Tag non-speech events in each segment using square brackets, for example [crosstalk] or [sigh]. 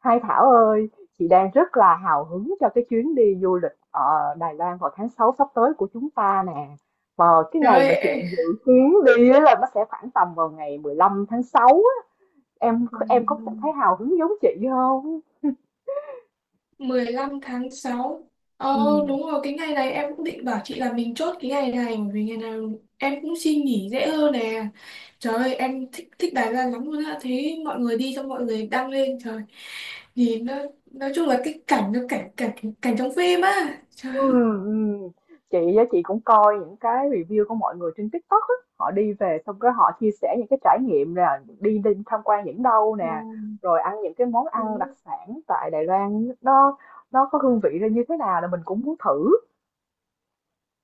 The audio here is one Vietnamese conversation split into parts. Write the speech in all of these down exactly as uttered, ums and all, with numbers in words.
Hai Thảo ơi, chị đang rất là hào hứng cho cái chuyến đi du lịch ở Đài Loan vào tháng sáu sắp tới của chúng ta nè. Và cái ngày mà chị Rồi, dự kiến đi á là nó sẽ khoảng tầm vào ngày mười lăm tháng sáu á. Em em có cảm mười thấy hào hứng giống chị không? lăm tháng sáu Ờ, Ừ. đúng rồi, cái ngày này em cũng định bảo chị là mình chốt cái ngày này bởi vì ngày nào em cũng xin nghỉ dễ hơn nè. Trời ơi, em thích thích Đài Loan lắm luôn á. Thấy mọi người đi xong mọi người đăng lên trời. Nhìn nó nói chung là cái cảnh nó cảnh cảnh cảnh trong phim á. Trời ơi. Ừm, ừm. Chị á, chị cũng coi những cái review của mọi người trên TikTok á, họ đi về xong cái họ chia sẻ những cái trải nghiệm là đi đi tham quan những đâu nè, Wow, rồi ăn những cái món ăn đặc đúng, sản tại Đài Loan nó nó có hương vị ra như thế nào là mình cũng muốn thử,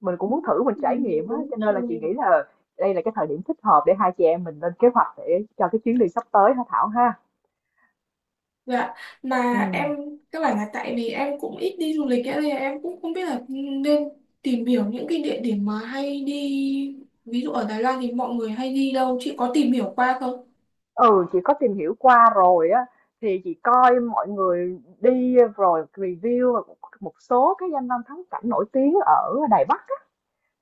mình cũng muốn thử mình trải đúng, nghiệm á, đúng cho nên là chị rồi. nghĩ là đây là cái thời điểm thích hợp để hai chị em mình lên kế hoạch để cho cái chuyến đi sắp tới hả Thảo ha. Dạ, Ừ. mà em các bạn là tại vì em cũng ít đi du lịch ấy, nên là em cũng không biết là nên tìm hiểu những cái địa điểm mà hay đi, ví dụ ở Đài Loan thì mọi người hay đi đâu chị có tìm hiểu qua không? Ừ, chị có tìm hiểu qua rồi á thì chị coi mọi người đi rồi review và một một số cái danh lam thắng cảnh nổi tiếng ở Đài Bắc á.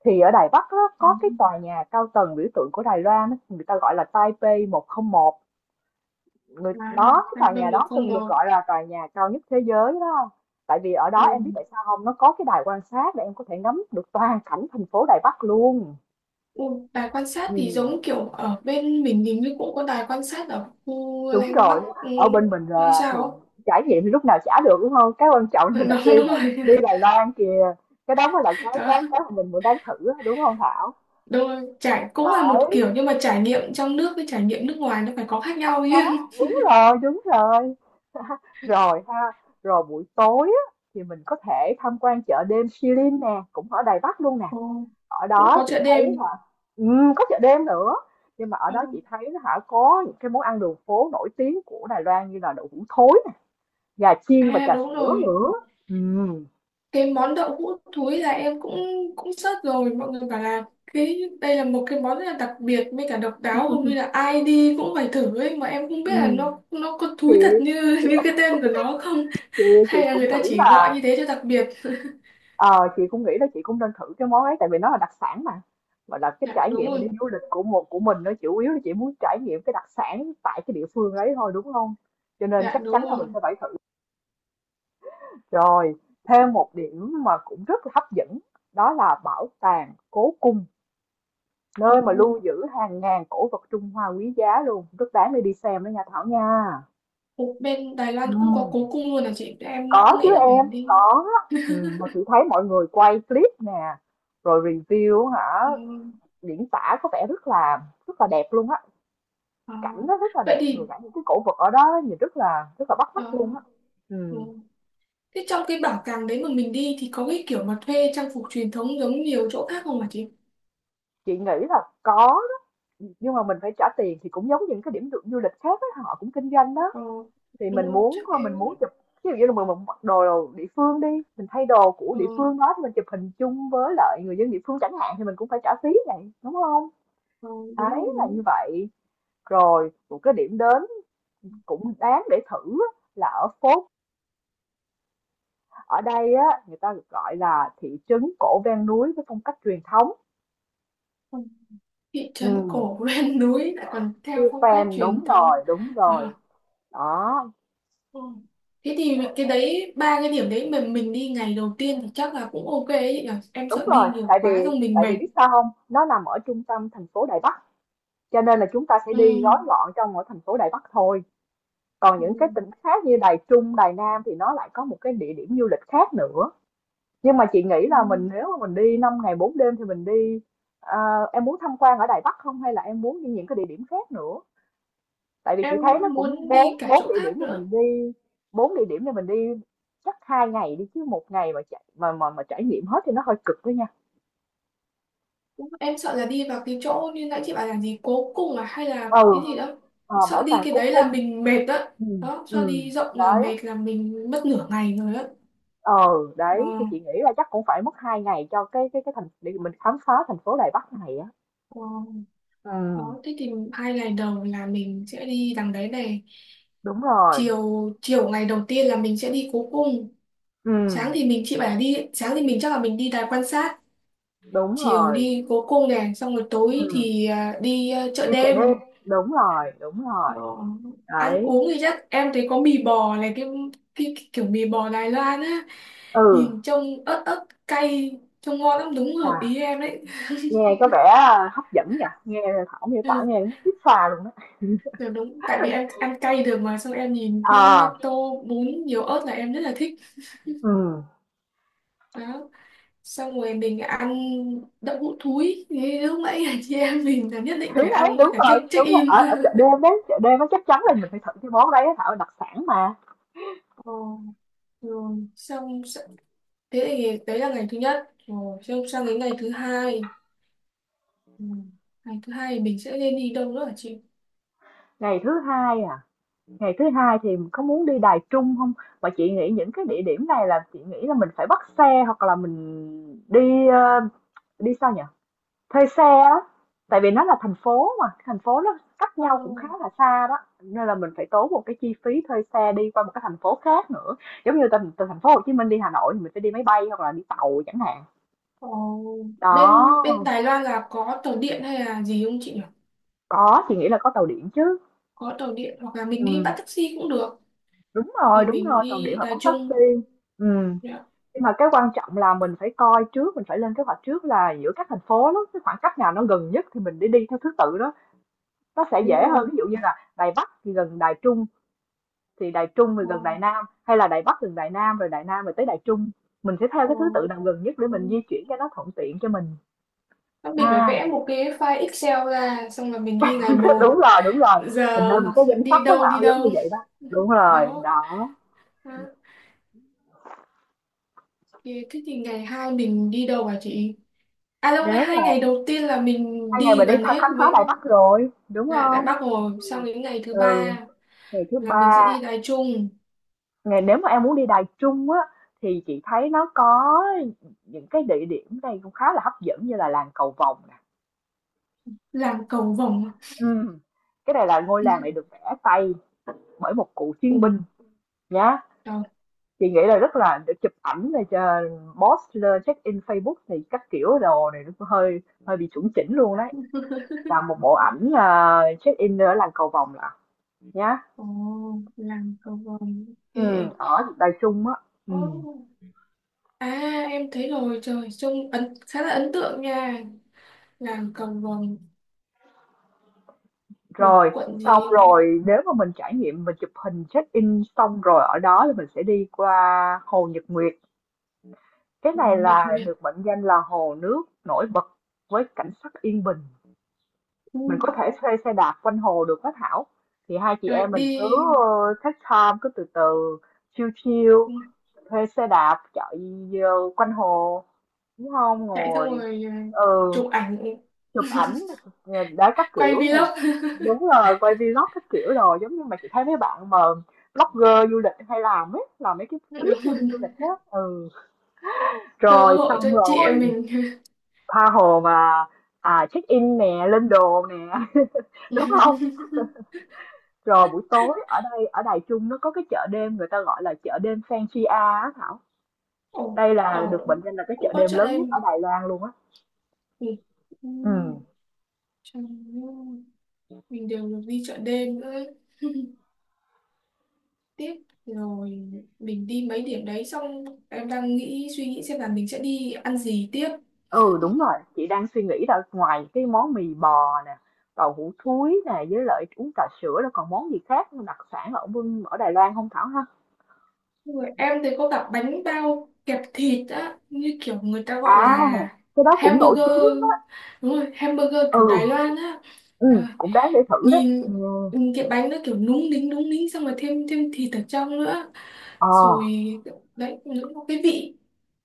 Thì ở Đài Bắc á, Ừ. có cái tòa nhà cao tầng biểu tượng của Đài Loan á, người ta gọi là Taipei một không một người À, đó cái à tòa bên nhà đó một không từng được một gọi là tòa nhà cao nhất thế giới đó không? Tại vì ở đó em biết tại Ừ. sao không, nó có cái đài quan sát để em có thể ngắm được toàn cảnh thành phố Đài Bắc luôn. Ừ, đài quan sát thì Ừ. giống kiểu ở bên mình hình như cũng có đài quan sát ở khu Đúng Landmark, rồi, ừ, ở bên mình hay là thì sao ấy. trải nghiệm thì lúc nào chả được, đúng hông? Cái quan trọng [laughs] là mình đặt Đúng, đi đúng Đài rồi. đi Đài Loan kìa, cái đó mới là [laughs] cái Đó, cái cái mà mình muốn đang thử á, đúng không Thảo? đúng rồi. Trải cũng là một Đấy, kiểu nhưng mà trải nghiệm trong nước với trải nghiệm nước ngoài nó phải có khác nhau chứ. đúng rồi, đúng rồi. Rồi ha, rồi buổi tối á, thì mình có thể tham quan chợ đêm Shilin nè, cũng ở Đài Bắc luôn nè. Ồ, Ở cũng đó có chị chợ thấy đêm. là ừm, có chợ đêm nữa, nhưng mà ở Ờ, đó chị thấy á hả, có những cái món ăn đường phố nổi tiếng của Đài Loan như là đậu hũ thối nè, gà chiên và à trà đúng sữa rồi, nữa. Ừ. cái món đậu hũ thúi là em cũng cũng search rồi, mọi người bảo là cái đây là một cái món rất là đặc biệt mới cả độc đáo, hầu như là ai đi cũng phải thử ấy, mà em không biết là nó ừm. nó có Chị thúi thật như [laughs] như cái tên của nó không, chị chị hay là cũng người ta nghĩ chỉ là gọi như thế cho đặc biệt. ờ, chị cũng nghĩ là chị cũng nên thử cái món ấy tại vì nó là đặc sản mà. Gọi là cái Dạ trải đúng nghiệm đi rồi. du lịch của một của mình nó chủ yếu là chị muốn trải nghiệm cái đặc sản tại cái địa phương ấy thôi đúng không? Cho nên Dạ chắc đúng chắn là mình rồi. sẽ phải thử. Rồi, thêm một điểm mà cũng rất là hấp dẫn đó là bảo tàng Cố Cung, Ồ, nơi mà lưu giữ hàng ngàn cổ vật Trung Hoa quý giá luôn, rất đáng để đi xem đó nha Thảo nha. ồ, bên Đài Loan Ừ. cũng có cố cung luôn à, chị em Có cứ chứ nghĩ là phải em, đi. có. Ừ. Mà chị thấy mọi người quay clip nè, rồi review hả, Ờ, diễn tả có vẻ rất là rất là đẹp luôn á, ờ. cảnh nó rất là Vậy đẹp, thì rồi cả những cái cổ vật ở đó nhìn rất là rất là bắt ờ, mắt luôn á. ừ. Ừ. Thế trong cái bảo tàng đấy mà mình đi thì có cái kiểu mà thuê trang phục truyền thống giống nhiều chỗ khác không hả chị? Chị nghĩ là có đó, nhưng mà mình phải trả tiền thì cũng giống những cái điểm du du lịch khác á, họ cũng kinh doanh đó. Ờ, Thì đúng mình rồi, muốn chắc mình em muốn chụp, ví dụ như là mình, mình mặc đồ, đồ địa phương đi, mình thay đồ của ờ, địa phương đó thì mình chụp hình chung với lại người dân địa phương chẳng hạn thì mình cũng phải trả phí này, đúng không? ờ, đúng rồi, Đấy, đúng là như rồi. vậy. Rồi, một cái điểm đến cũng đáng để thử á, là ở Phốt. Ở đây á, người ta được gọi là thị trấn cổ ven núi với phong cách truyền thống. Ờ, thị Ừ. trấn cổ ven [laughs] núi lại còn theo Siêu phong cách fan, truyền đúng thống. rồi, đúng Ờ, rồi. Đó, ờ. Thế thì cái đấy, ba cái điểm đấy mà mình đi ngày đầu tiên thì chắc là cũng ok ấy chị nhỉ? Em đúng sợ đi rồi. nhiều Tại quá vì, xong mình tại mệt. vì biết sao không? Nó nằm ở trung tâm thành phố Đài Bắc. Cho nên là chúng ta sẽ Ừ, đi gói gọn trong ở thành phố Đài Bắc thôi. Còn ừ, những cái tỉnh khác như Đài Trung, Đài Nam thì nó lại có một cái địa điểm du lịch khác nữa. Nhưng mà chị nghĩ ừ. là mình nếu mà mình đi năm ngày bốn đêm thì mình đi ờ, em muốn tham quan ở Đài Bắc không hay là em muốn đi những cái địa điểm khác nữa, tại vì chị Em thấy nó cũng muốn bốn đi cả bốn chỗ địa điểm khác thì nữa. mình đi bốn địa điểm thì mình đi chắc hai ngày đi chứ một ngày mà chạy mà mà mà trải nghiệm hết thì nó hơi cực đó nha. Em sợ là đi vào cái chỗ như nãy chị bảo là gì cố cung à, hay là Ừ. cái gì đó, Ờ, sợ bảo đi tàng cái cố đấy là cung. mình mệt đó. Ừ. Đó, sợ Ừ. đi rộng là Đấy. mệt, là mình mất nửa ngày rồi đó. Ờ. Ờ, Đấy thì chị nghĩ là chắc cũng phải mất hai ngày cho cái cái cái thành để mình khám phá thành phố Đài Bắc này á. ờ. Ừ. Đó thế thì hai ngày đầu là mình sẽ đi đằng đấy này, Đúng rồi. chiều chiều ngày đầu tiên là mình sẽ đi cố cung, Ừ. sáng thì mình, chị bảo là đi sáng thì mình chắc là mình đi đài quan sát, Đúng chiều rồi. đi cố cung này, xong rồi tối Ừ. thì à, đi à, chợ Đi chợ đêm, đêm. đúng rồi, đúng Ờ, rồi, ăn đấy. uống thì chắc em thấy có mì bò này, cái, cái, cái kiểu mì bò Đài Loan á, Ừ, nhìn trông ớt ớt cay, trông ngon lắm, đúng hợp à ý em đấy. nghe có vẻ, à, hấp dẫn nhỉ, nghe Thảo miêu tả Ừ, nghe muốn xuýt xoa luôn á. kiểu đúng, tại vì em ăn cay được, mà xong em nhìn cái Ờ, tô bún nhiều ớt là em rất là thích ừ đó. Xong rồi mình ăn đậu hũ thúi thì lúc nãy [laughs] là chị em mình là nhất định thế phải đấy, ăn, với đúng cả rồi, check check đúng rồi, in. ở ở chợ [laughs] đêm đấy, chợ đêm nó chắc chắn là mình phải thử cái món đấy á Thảo, đặc sản mà. Ờ, rồi xong s- thế thì đấy là ngày thứ nhất, rồi xong sang đến ngày thứ hai. Ừ. Ngày thứ hai thì mình sẽ nên đi đâu nữa hả chị? Ngày thứ Hai à, ngày thứ Hai thì có muốn đi Đài Trung không? Mà chị nghĩ những cái địa điểm này là chị nghĩ là mình phải bắt xe hoặc là mình đi, ơ, đi sao nhỉ? Thuê xe á, tại vì nó là thành phố mà, thành phố nó cách Ờ, nhau cũng khá là xa đó, nên là mình phải tốn một cái chi phí thuê xe đi qua một cái thành phố khác nữa. Giống như từ từ thành phố Hồ Chí Minh đi Hà Nội thì mình phải đi máy bay hoặc là đi tàu chẳng hạn. ờ, Đó, bên bên Đài Loan là có tàu điện hay là gì không chị nhỉ? có, chị nghĩ là có tàu điện chứ. Có tàu điện hoặc là mình đi bắt Ừm, taxi cũng được. đúng rồi, Thì đúng mình rồi, tàu điện đi hoặc Đài bắt taxi. Trung. Ừ, Dạ, nhưng mà cái quan trọng là mình phải coi trước, mình phải lên kế hoạch trước là giữa các thành phố đó, cái khoảng cách nào nó gần nhất thì mình đi đi theo thứ tự đó. Nó sẽ đúng dễ hơn, rồi. ví dụ như là Đài Bắc thì gần Đài Trung, thì Đài Trung thì Ờ, gần Đài Nam, hay là Đài Bắc gần Đài Nam rồi Đài Nam rồi tới Đài Trung, mình sẽ theo ờ, cái thứ tự nào gần nhất để ừ. mình di chuyển cho nó thuận tiện cho mình Thế mình phải vẽ ha. một cái file Excel ra, xong là mình ghi ngày [laughs] À, một đúng rồi đúng rồi, giờ mình lên một cái danh [laughs] sách đi đó đâu đi Thảo, giống như đâu. vậy đó, đúng [laughs] rồi Đó. đó. Đó. Thế thế thì ngày hai mình đi đâu hả chị? À đâu, ngày Nếu mà hai ngày đầu tiên là mình hai ngày đi mình đi gần tha- hết khám phá mấy. Đài Bắc rồi đúng Dạ, tại không? Bắc rồi. Xong đến ngày thứ Ừ. ba ngày thứ là mình ba sẽ đi Đài Trung, ngày Nếu mà em muốn đi Đài Trung á thì chị thấy nó có những cái địa điểm đây cũng khá là hấp dẫn như là làng Cầu Vồng nè. làng Cầu Vồng. Ừ. Cái này là ngôi [laughs] làng À? này được vẽ tay bởi một cựu Ừ, chiến binh nhá. đó. Chị nghĩ là rất là để chụp ảnh này, cho post lên check-in Facebook thì các kiểu đồ này nó hơi hơi bị chuẩn chỉnh luôn đấy. [laughs] Làm một bộ ảnh à, check-in ở làng Cầu Vồng là nhá. Ồ, làng Cầu Vồng. Ừ, Ok. ở Đài Trung á. Ừ. Ồ. À, em thấy rồi. Trời, trông ấn, khá là ấn tượng nha. Làng Cầu Vồng thuộc Rồi, quận xong gì? rồi nếu mà mình trải nghiệm mình chụp hình check-in xong rồi ở đó thì mình sẽ đi qua Hồ Nhật Nguyệt. Cái Ừ, này Nhật là Việt. được mệnh danh là hồ nước nổi bật với cảnh sắc yên bình, Ừ. mình có thể thuê xe đạp quanh hồ được đó Thảo, thì hai chị Rồi em đi, mình cứ ờ, take time cứ từ từ, chill chill, ừ, thuê xe đạp chạy ờ, quanh hồ, đúng không, chạy xong ngồi, rồi ờ, ừ, chụp ảnh, chụp ảnh, ờ, các quay kiểu này. vlog. Đúng rồi quay vlog các kiểu, rồi giống như mà chị thấy mấy bạn mà blogger du lịch hay làm ấy, làm mấy cái [laughs] Đúng clip để đi du rồi. lịch á. Ừ. Cơ Rồi hội cho xong chị em rồi mình. tha hồ mà, à, check in nè, lên đồ nè [laughs] đúng không? [laughs] Rồi buổi tối ở đây ở Đài Trung nó có cái chợ đêm người ta gọi là chợ đêm Fansia á Thảo. Ồ, Đây là ồ, được mệnh danh là cái cũng chợ có đêm chợ lớn nhất ở đêm. Đài Loan luôn á. Mình, Ừ. ừm, chẳng nhớ. Mình đều được đi chợ đêm nữa ấy. [laughs] Tiếp rồi mình đi mấy điểm đấy, xong em đang nghĩ suy nghĩ xem là mình sẽ đi ăn gì tiếp. Ừ đúng rồi, chị đang suy nghĩ là ngoài cái món mì bò nè, tàu hũ thúi nè với lại uống trà sữa là còn món gì khác đặc sản ở Vân- ở Đài Loan không Thảo ha? Rồi em thấy có cả bánh bao kẹp thịt á, như kiểu người ta À, gọi là cái đó cũng nổi tiếng hamburger, lắm á. đúng rồi, hamburger Ừ, kiểu Đài Loan á. ừ, Rồi, cũng đáng để thử đấy. nhìn Ừ. nhìn cái bánh nó kiểu núng nính núng nính, xong rồi thêm thêm thịt ở trong nữa, Ờ. rồi đấy những cái vị,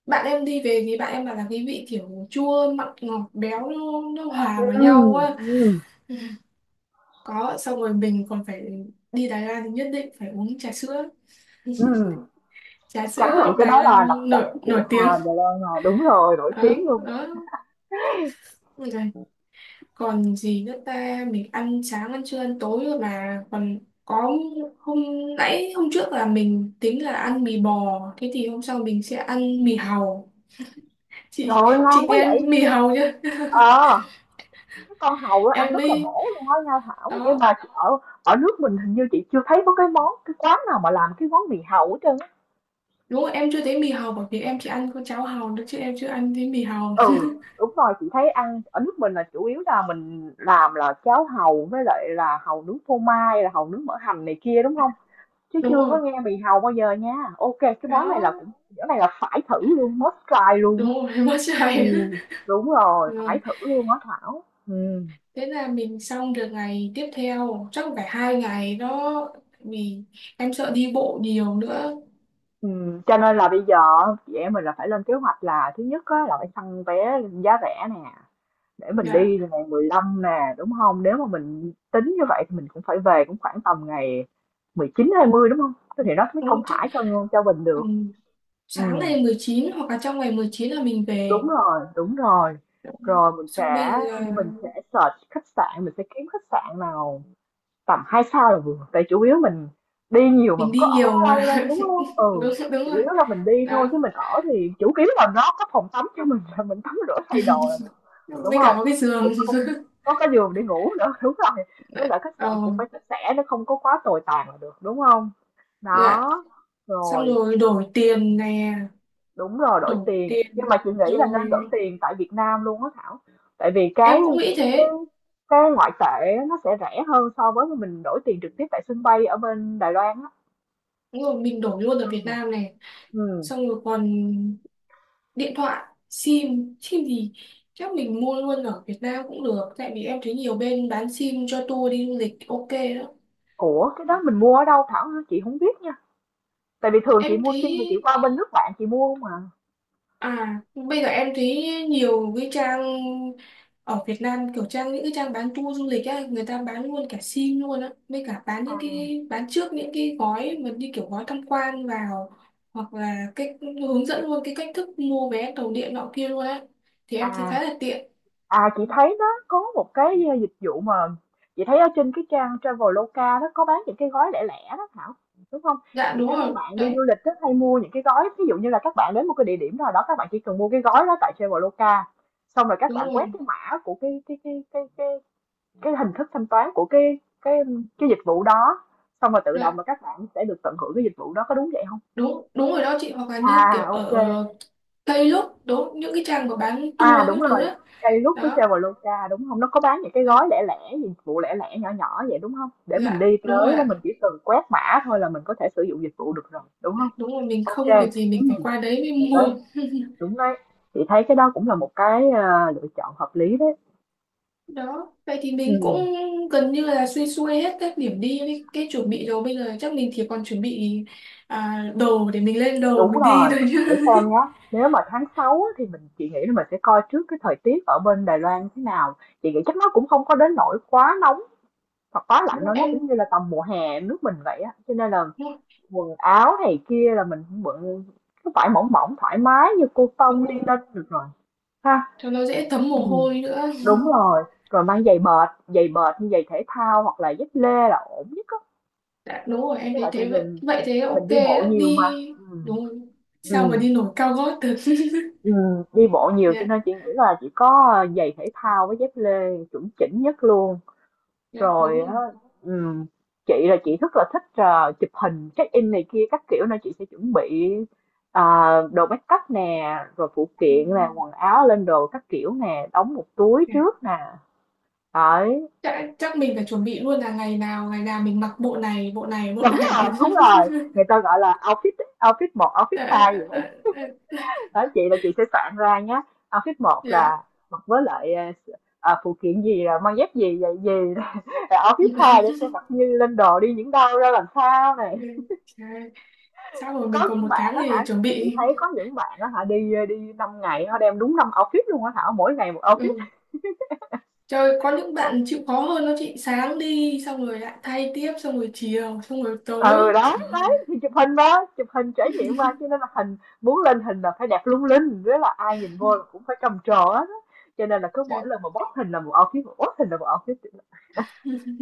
bạn em đi về thì bạn em bảo là cái vị kiểu chua mặn ngọt béo nó, nó hòa Ừ. vào nhau quá. Ừ. Có xong rồi mình còn phải, đi Đài Loan thì nhất định phải uống trà sữa, Ừ. trà Tráng sữa miệng cái Đài đó là đặc Loan nổi sản nổi của tiếng. Hà Đà. À, đúng rồi, nổi Đó, tiếng luôn. đó. Ôi giời. Còn gì nữa ta, mình ăn sáng ăn trưa ăn tối rồi mà còn có hôm, nãy hôm trước là mình tính là ăn mì bò thế thì hôm sau mình sẽ ăn mì hàu. Trời chị ơi, chị ngon quá nghe vậy! mì hàu chưa? [laughs] Ờ, cái con hàu đó ăn Em rất là mới bổ luôn á nha Thảo, nhưng đó. mà ở ở nước mình hình như chị chưa thấy có cái món cái quán nào mà làm cái món mì hàu hết trơn á. Đúng rồi, em chưa thấy mì hồng, bởi vì em chỉ ăn con cháo hồng thôi chứ em chưa ăn thấy mì hồng. Ừ, đúng rồi, chị thấy ăn ở nước mình là chủ yếu là mình làm là cháo hàu với lại là hàu nướng phô mai, là hàu nướng mỡ hành này kia đúng không? Chứ [laughs] Đúng chưa có rồi. nghe mì hàu bao giờ nha. Ok, cái món này là Đó, cũng cái này là phải thử luôn, must try luôn á. đúng rồi. [laughs] Em mất dạy. Ừm, đúng rồi, [laughs] Rồi, phải thử luôn á Thảo. Ừ. thế là mình xong được ngày tiếp theo, chắc phải hai ngày đó, vì em sợ đi bộ nhiều nữa. Ừm, cho nên là bây giờ chị em mình là phải lên kế hoạch là thứ nhất á, là phải săn vé giá rẻ nè, để mình Dạ đi là ngày mười lăm nè đúng không? Nếu mà mình tính như vậy thì mình cũng phải về cũng khoảng tầm ngày mười chín hai mươi đúng không? Thế thì nó mới đúng thông rồi, chắc thả cho cho mình ừ, được. sáng Ừ. ngày mười chín hoặc là trong ngày mười chín là mình Đúng về. rồi, đúng rồi. Đó. Rồi mình Xong bây sẽ giờ mình sẽ search khách sạn, mình sẽ kiếm khách sạn nào tầm hai sao là vừa, tại chủ yếu mình đi nhiều mà mình mình đi có nhiều ở lâu mà. đâu đúng không. [laughs] Đúng, Ừ, đúng chủ rồi yếu là mình đi thôi đó, chứ mình ở thì chủ yếu là nó có phòng tắm cho mình là mình tắm rửa thay đồ là được đúng với cả không, có cái giường. cũng không [laughs] có cái giường để ngủ nữa [laughs] đúng rồi, với lại khách Ờ, sạn cũng phải sạch sẽ, nó không có quá tồi tàn là được đúng không. dạ, Đó, xong rồi. rồi đổi tiền nè. Đúng rồi, đổi Đổi tiền, nhưng tiền, mà chị nghĩ là nên đổi rồi tiền tại Việt Nam luôn á Thảo. Tại vì cái em cũng nghĩ cái thế. cái ngoại tệ á, nó sẽ rẻ hơn so với mình đổi tiền trực tiếp tại sân bay ở bên Đài Loan á. Đúng rồi, mình đổi luôn ở Ừ. Việt Nam này. Ừ. Xong rồi còn điện thoại, sim sim gì chắc mình mua luôn ở Việt Nam cũng được, tại vì em thấy nhiều bên bán sim cho tour đi du lịch, ok đó. Ủa cái đó mình mua ở đâu Thảo hả? Chị không biết nha. Tại vì thường Em chị mua thấy, sim mà chị qua bên nước bạn chị mua không à. à, bây giờ em thấy nhiều cái trang ở Việt Nam, kiểu trang, những cái trang bán tour du lịch á, người ta bán luôn cả sim luôn á, với cả bán những À, cái, bán trước những cái gói mà như kiểu gói tham quan vào, hoặc là cách hướng dẫn luôn cái cách thức mua vé tàu điện nọ kia luôn á. Thì em thấy À khá là tiện. À, chị thấy nó có một cái uh, dịch vụ mà chị thấy ở trên cái trang Traveloka nó có bán những cái gói lẻ lẻ đó Thảo đúng không? Dạ Chị đúng thấy mấy rồi, bạn đi du đấy, lịch rất hay mua những cái gói, ví dụ như là các bạn đến một cái địa điểm nào đó, các bạn chỉ cần mua cái gói đó tại Traveloka, xong rồi các đúng bạn quét rồi. cái mã của cái cái cái cái cái, cái hình thức thanh toán của cái cái cái dịch vụ đó, xong rồi tự động Dạ, là các bạn sẽ được tận hưởng cái dịch vụ đó, có đúng vậy không? đúng, đúng rồi đó chị, hoặc là như kiểu À, ok. ở Tây Lúc, đúng, những cái trang mà bán À, tour đúng các thứ rồi, á. cây rút với Đó. Traveloka, đúng không? Nó có bán những cái Dạ, gói lẻ lẻ, dụng cụ lẻ lẻ nhỏ nhỏ vậy, đúng không? Để mình dạ đi đúng rồi tới là mình ạ. chỉ cần quét mã thôi là mình có thể sử dụng dịch vụ được rồi, đúng không? Đúng rồi, mình Ok, không kê, việc gì mình phải qua đấy mới được mua. đấy, đúng đấy. Chị thấy cái đó cũng là một cái, ờ, lựa chọn hợp lý đấy. Đó vậy thì mình cũng Ừm, gần như là xuôi xuôi hết các điểm đi với cái chuẩn bị rồi, bây giờ chắc mình chỉ còn chuẩn bị à, đồ để mình lên đồ đúng mình đi rồi, thôi chứ. để xem nhá, nếu mà tháng sáu á thì mình chị nghĩ là mình sẽ coi trước cái thời tiết ở bên Đài Loan thế nào. Chị nghĩ chắc nó cũng không có đến nỗi quá nóng hoặc quá [laughs] Đúng lạnh rồi, đâu, nó cũng em, như là tầm mùa hè nước mình vậy, á, cho nên là đúng rồi, quần áo này kia là mình cũng bận cái vải mỏng mỏng thoải mái như cô đúng tông đi rồi. lên được rồi ha. Cho nó dễ thấm Ừ. mồ hôi nữa. Đúng rồi, rồi mang giày bệt, giày bệt như giày thể thao hoặc là dép lê là ổn nhất á. Đã, đúng rồi em Tức thấy là tại thế, vậy mình vậy thế ok mình đi bộ đấy, nhiều đi mà. Ừ. đúng rồi. Sao mà Ừ. đi nổi cao gót được. Ừ. Đi bộ [laughs] nhiều cho Dạ, nên chị nghĩ là chỉ có giày thể thao với dép lê chuẩn chỉnh nhất luôn. dạ đúng Rồi á, rồi. ừm, chị là chị rất là thích, ờ, chụp hình check-in này kia các kiểu nên chị sẽ chuẩn bị, ờ, đồ make up nè, rồi phụ kiện nè, Ừm, quần áo lên đồ các kiểu nè, đóng một túi dạ. trước nè. Đấy. chắc, chắc mình phải chuẩn bị luôn là ngày nào ngày nào mình mặc bộ này bộ này bộ Đúng rồi, này. đúng rồi. Người ta gọi là outfit outfit một, outfit Ờ, hai vậy. ờ, ờ, Đấy. ờ, Đó, chị là chị sẽ soạn ra nhé. Outfit một là dạ. mặc với lại, ờ, ờ, phụ kiện gì là mang dép gì vậy gì. [laughs] Outfit hai để [laughs] sẽ mặc như lên đồ đi những đâu ra làm sao này. Ừ, trời. Chắc rồi mình Có còn những một bạn tháng đó để hả, chuẩn chị bị. thấy có những bạn đó hả, đi đi năm ngày họ đem đúng năm outfit luôn á Thảo, mỗi ngày một outfit. Ừ. Trời, có những bạn chịu khó hơn đó chị, sáng đi xong rồi lại thay tiếp, xong rồi chiều, xong rồi Ừ, tối, đó trời ơi, đấy, thì chụp hình đó, chụp hình trải nghiệm qua cho nên là hình muốn lên hình là phải đẹp lung linh, với là ai nhìn vô là cũng phải trầm trồ hết á. Cho nên là cứ mỗi trời. lần mà post hình là một outfit, mà post hình là một outfit.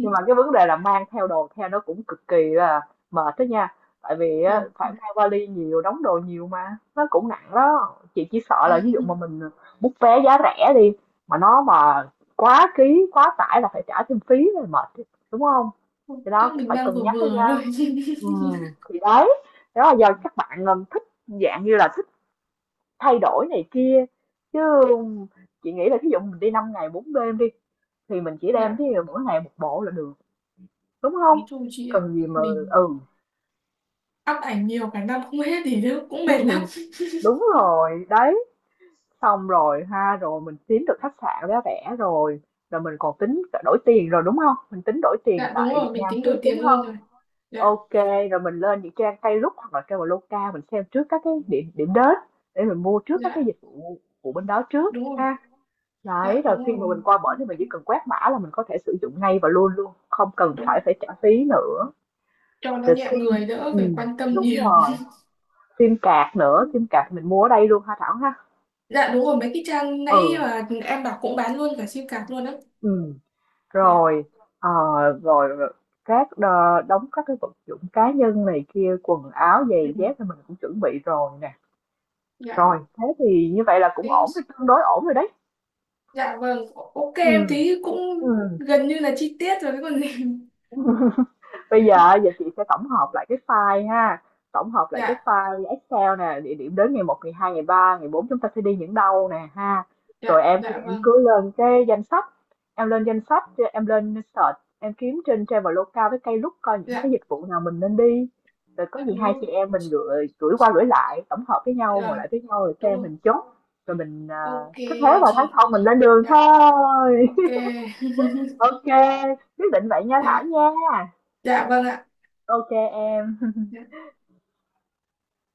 Nhưng mà cái vấn đề là mang theo đồ theo nó cũng cực kỳ là mệt đó nha, tại vì Trời á, phải ơi. mang vali nhiều, đóng đồ nhiều mà nó cũng nặng đó. Chị chỉ sợ là ví dụ mà mình bút vé giá rẻ đi mà nó mà quá ký quá tải là phải trả thêm phí rồi, mệt chứ, đúng không. Thì đó Chắc cũng mình phải đang cân vừa nhắc đó vừa nha. thôi. Ừ, [laughs] thì đấy, đó là do các bạn um, thích dạng như là thích thay đổi này kia, chứ chị nghĩ là ví dụ mình đi năm ngày bốn đêm đi thì mình chỉ đem Dạ, cái mỗi ngày một bộ là được. Đúng không? nói chung chị ạ, Cần gì mà. mình Ừ. up ảnh nhiều cả năm không hết thì nó cũng mệt lắm. [laughs] Đúng rồi, đấy, xong rồi ha, rồi mình kiếm được khách sạn giá rẻ rồi, rồi mình còn tính đổi tiền rồi, đúng không? Mình tính đổi tiền Dạ đúng tại Việt rồi, mình Nam tính trước, đổi đúng tiền luôn không? rồi. Dạ. Ok, rồi mình lên những trang Klook hoặc là Traveloka mình xem trước các cái điểm điểm đến để mình mua trước các cái Dạ dịch vụ của bên đó trước đúng rồi. ha. Đấy, Dạ rồi đúng khi mà rồi. mình qua bển thì mình Ok, chỉ cần quét mã là mình có thể sử dụng ngay và luôn luôn, không cần đúng phải rồi. phải trả phí nữa, Cho nó rồi nhẹ người sim, đỡ ừ, phải quan tâm đúng nhiều. rồi. Sim card nữa, sim card mình mua ở đây luôn hả Thảo ha? Dạ đúng rồi, mấy cái trang nãy Ừ, mà em bảo cũng bán luôn cả sim card luôn á. ừ, Dạ. rồi, ờ, rồi các đ đóng các cái vật dụng cá nhân này kia, quần áo, Ừ. giày dép thì mình cũng chuẩn bị rồi nè. Dạ, Rồi, thế thì như vậy là cũng thế. ổn rồi, tương đối ổn rồi đấy. Dạ vâng, ok, Ừ. em thấy cũng Ừ. gần như là chi tiết rồi cái còn gì. [laughs] Bây giờ giờ chị sẽ tổng hợp lại cái file ha, tổng hợp lại cái Dạ, file Excel nè, địa điểm đến ngày một, ngày hai, ngày ba, ngày bốn chúng ta sẽ đi những đâu nè ha. Rồi dạ, em thì dạ em vâng. cứ lên cái danh sách, em lên danh sách, em lên search, em kiếm trên Traveloka với cây Klook coi những cái Dạ, dịch vụ nào mình nên đi. Rồi có dạ gì đúng hai chị rồi. em mình gửi gửi qua gửi lại, tổng hợp với nhau, ngồi Dạ lại với nhau rồi đúng xem rồi. mình chốt. Rồi mình à, Ok cứ thế vào tháng chị. sau mình lên đường Dạ. thôi. Ok. [laughs] [laughs] Ok, quyết định vậy nha Thảo Dạ. nha. Dạ vâng ạ. Ok em.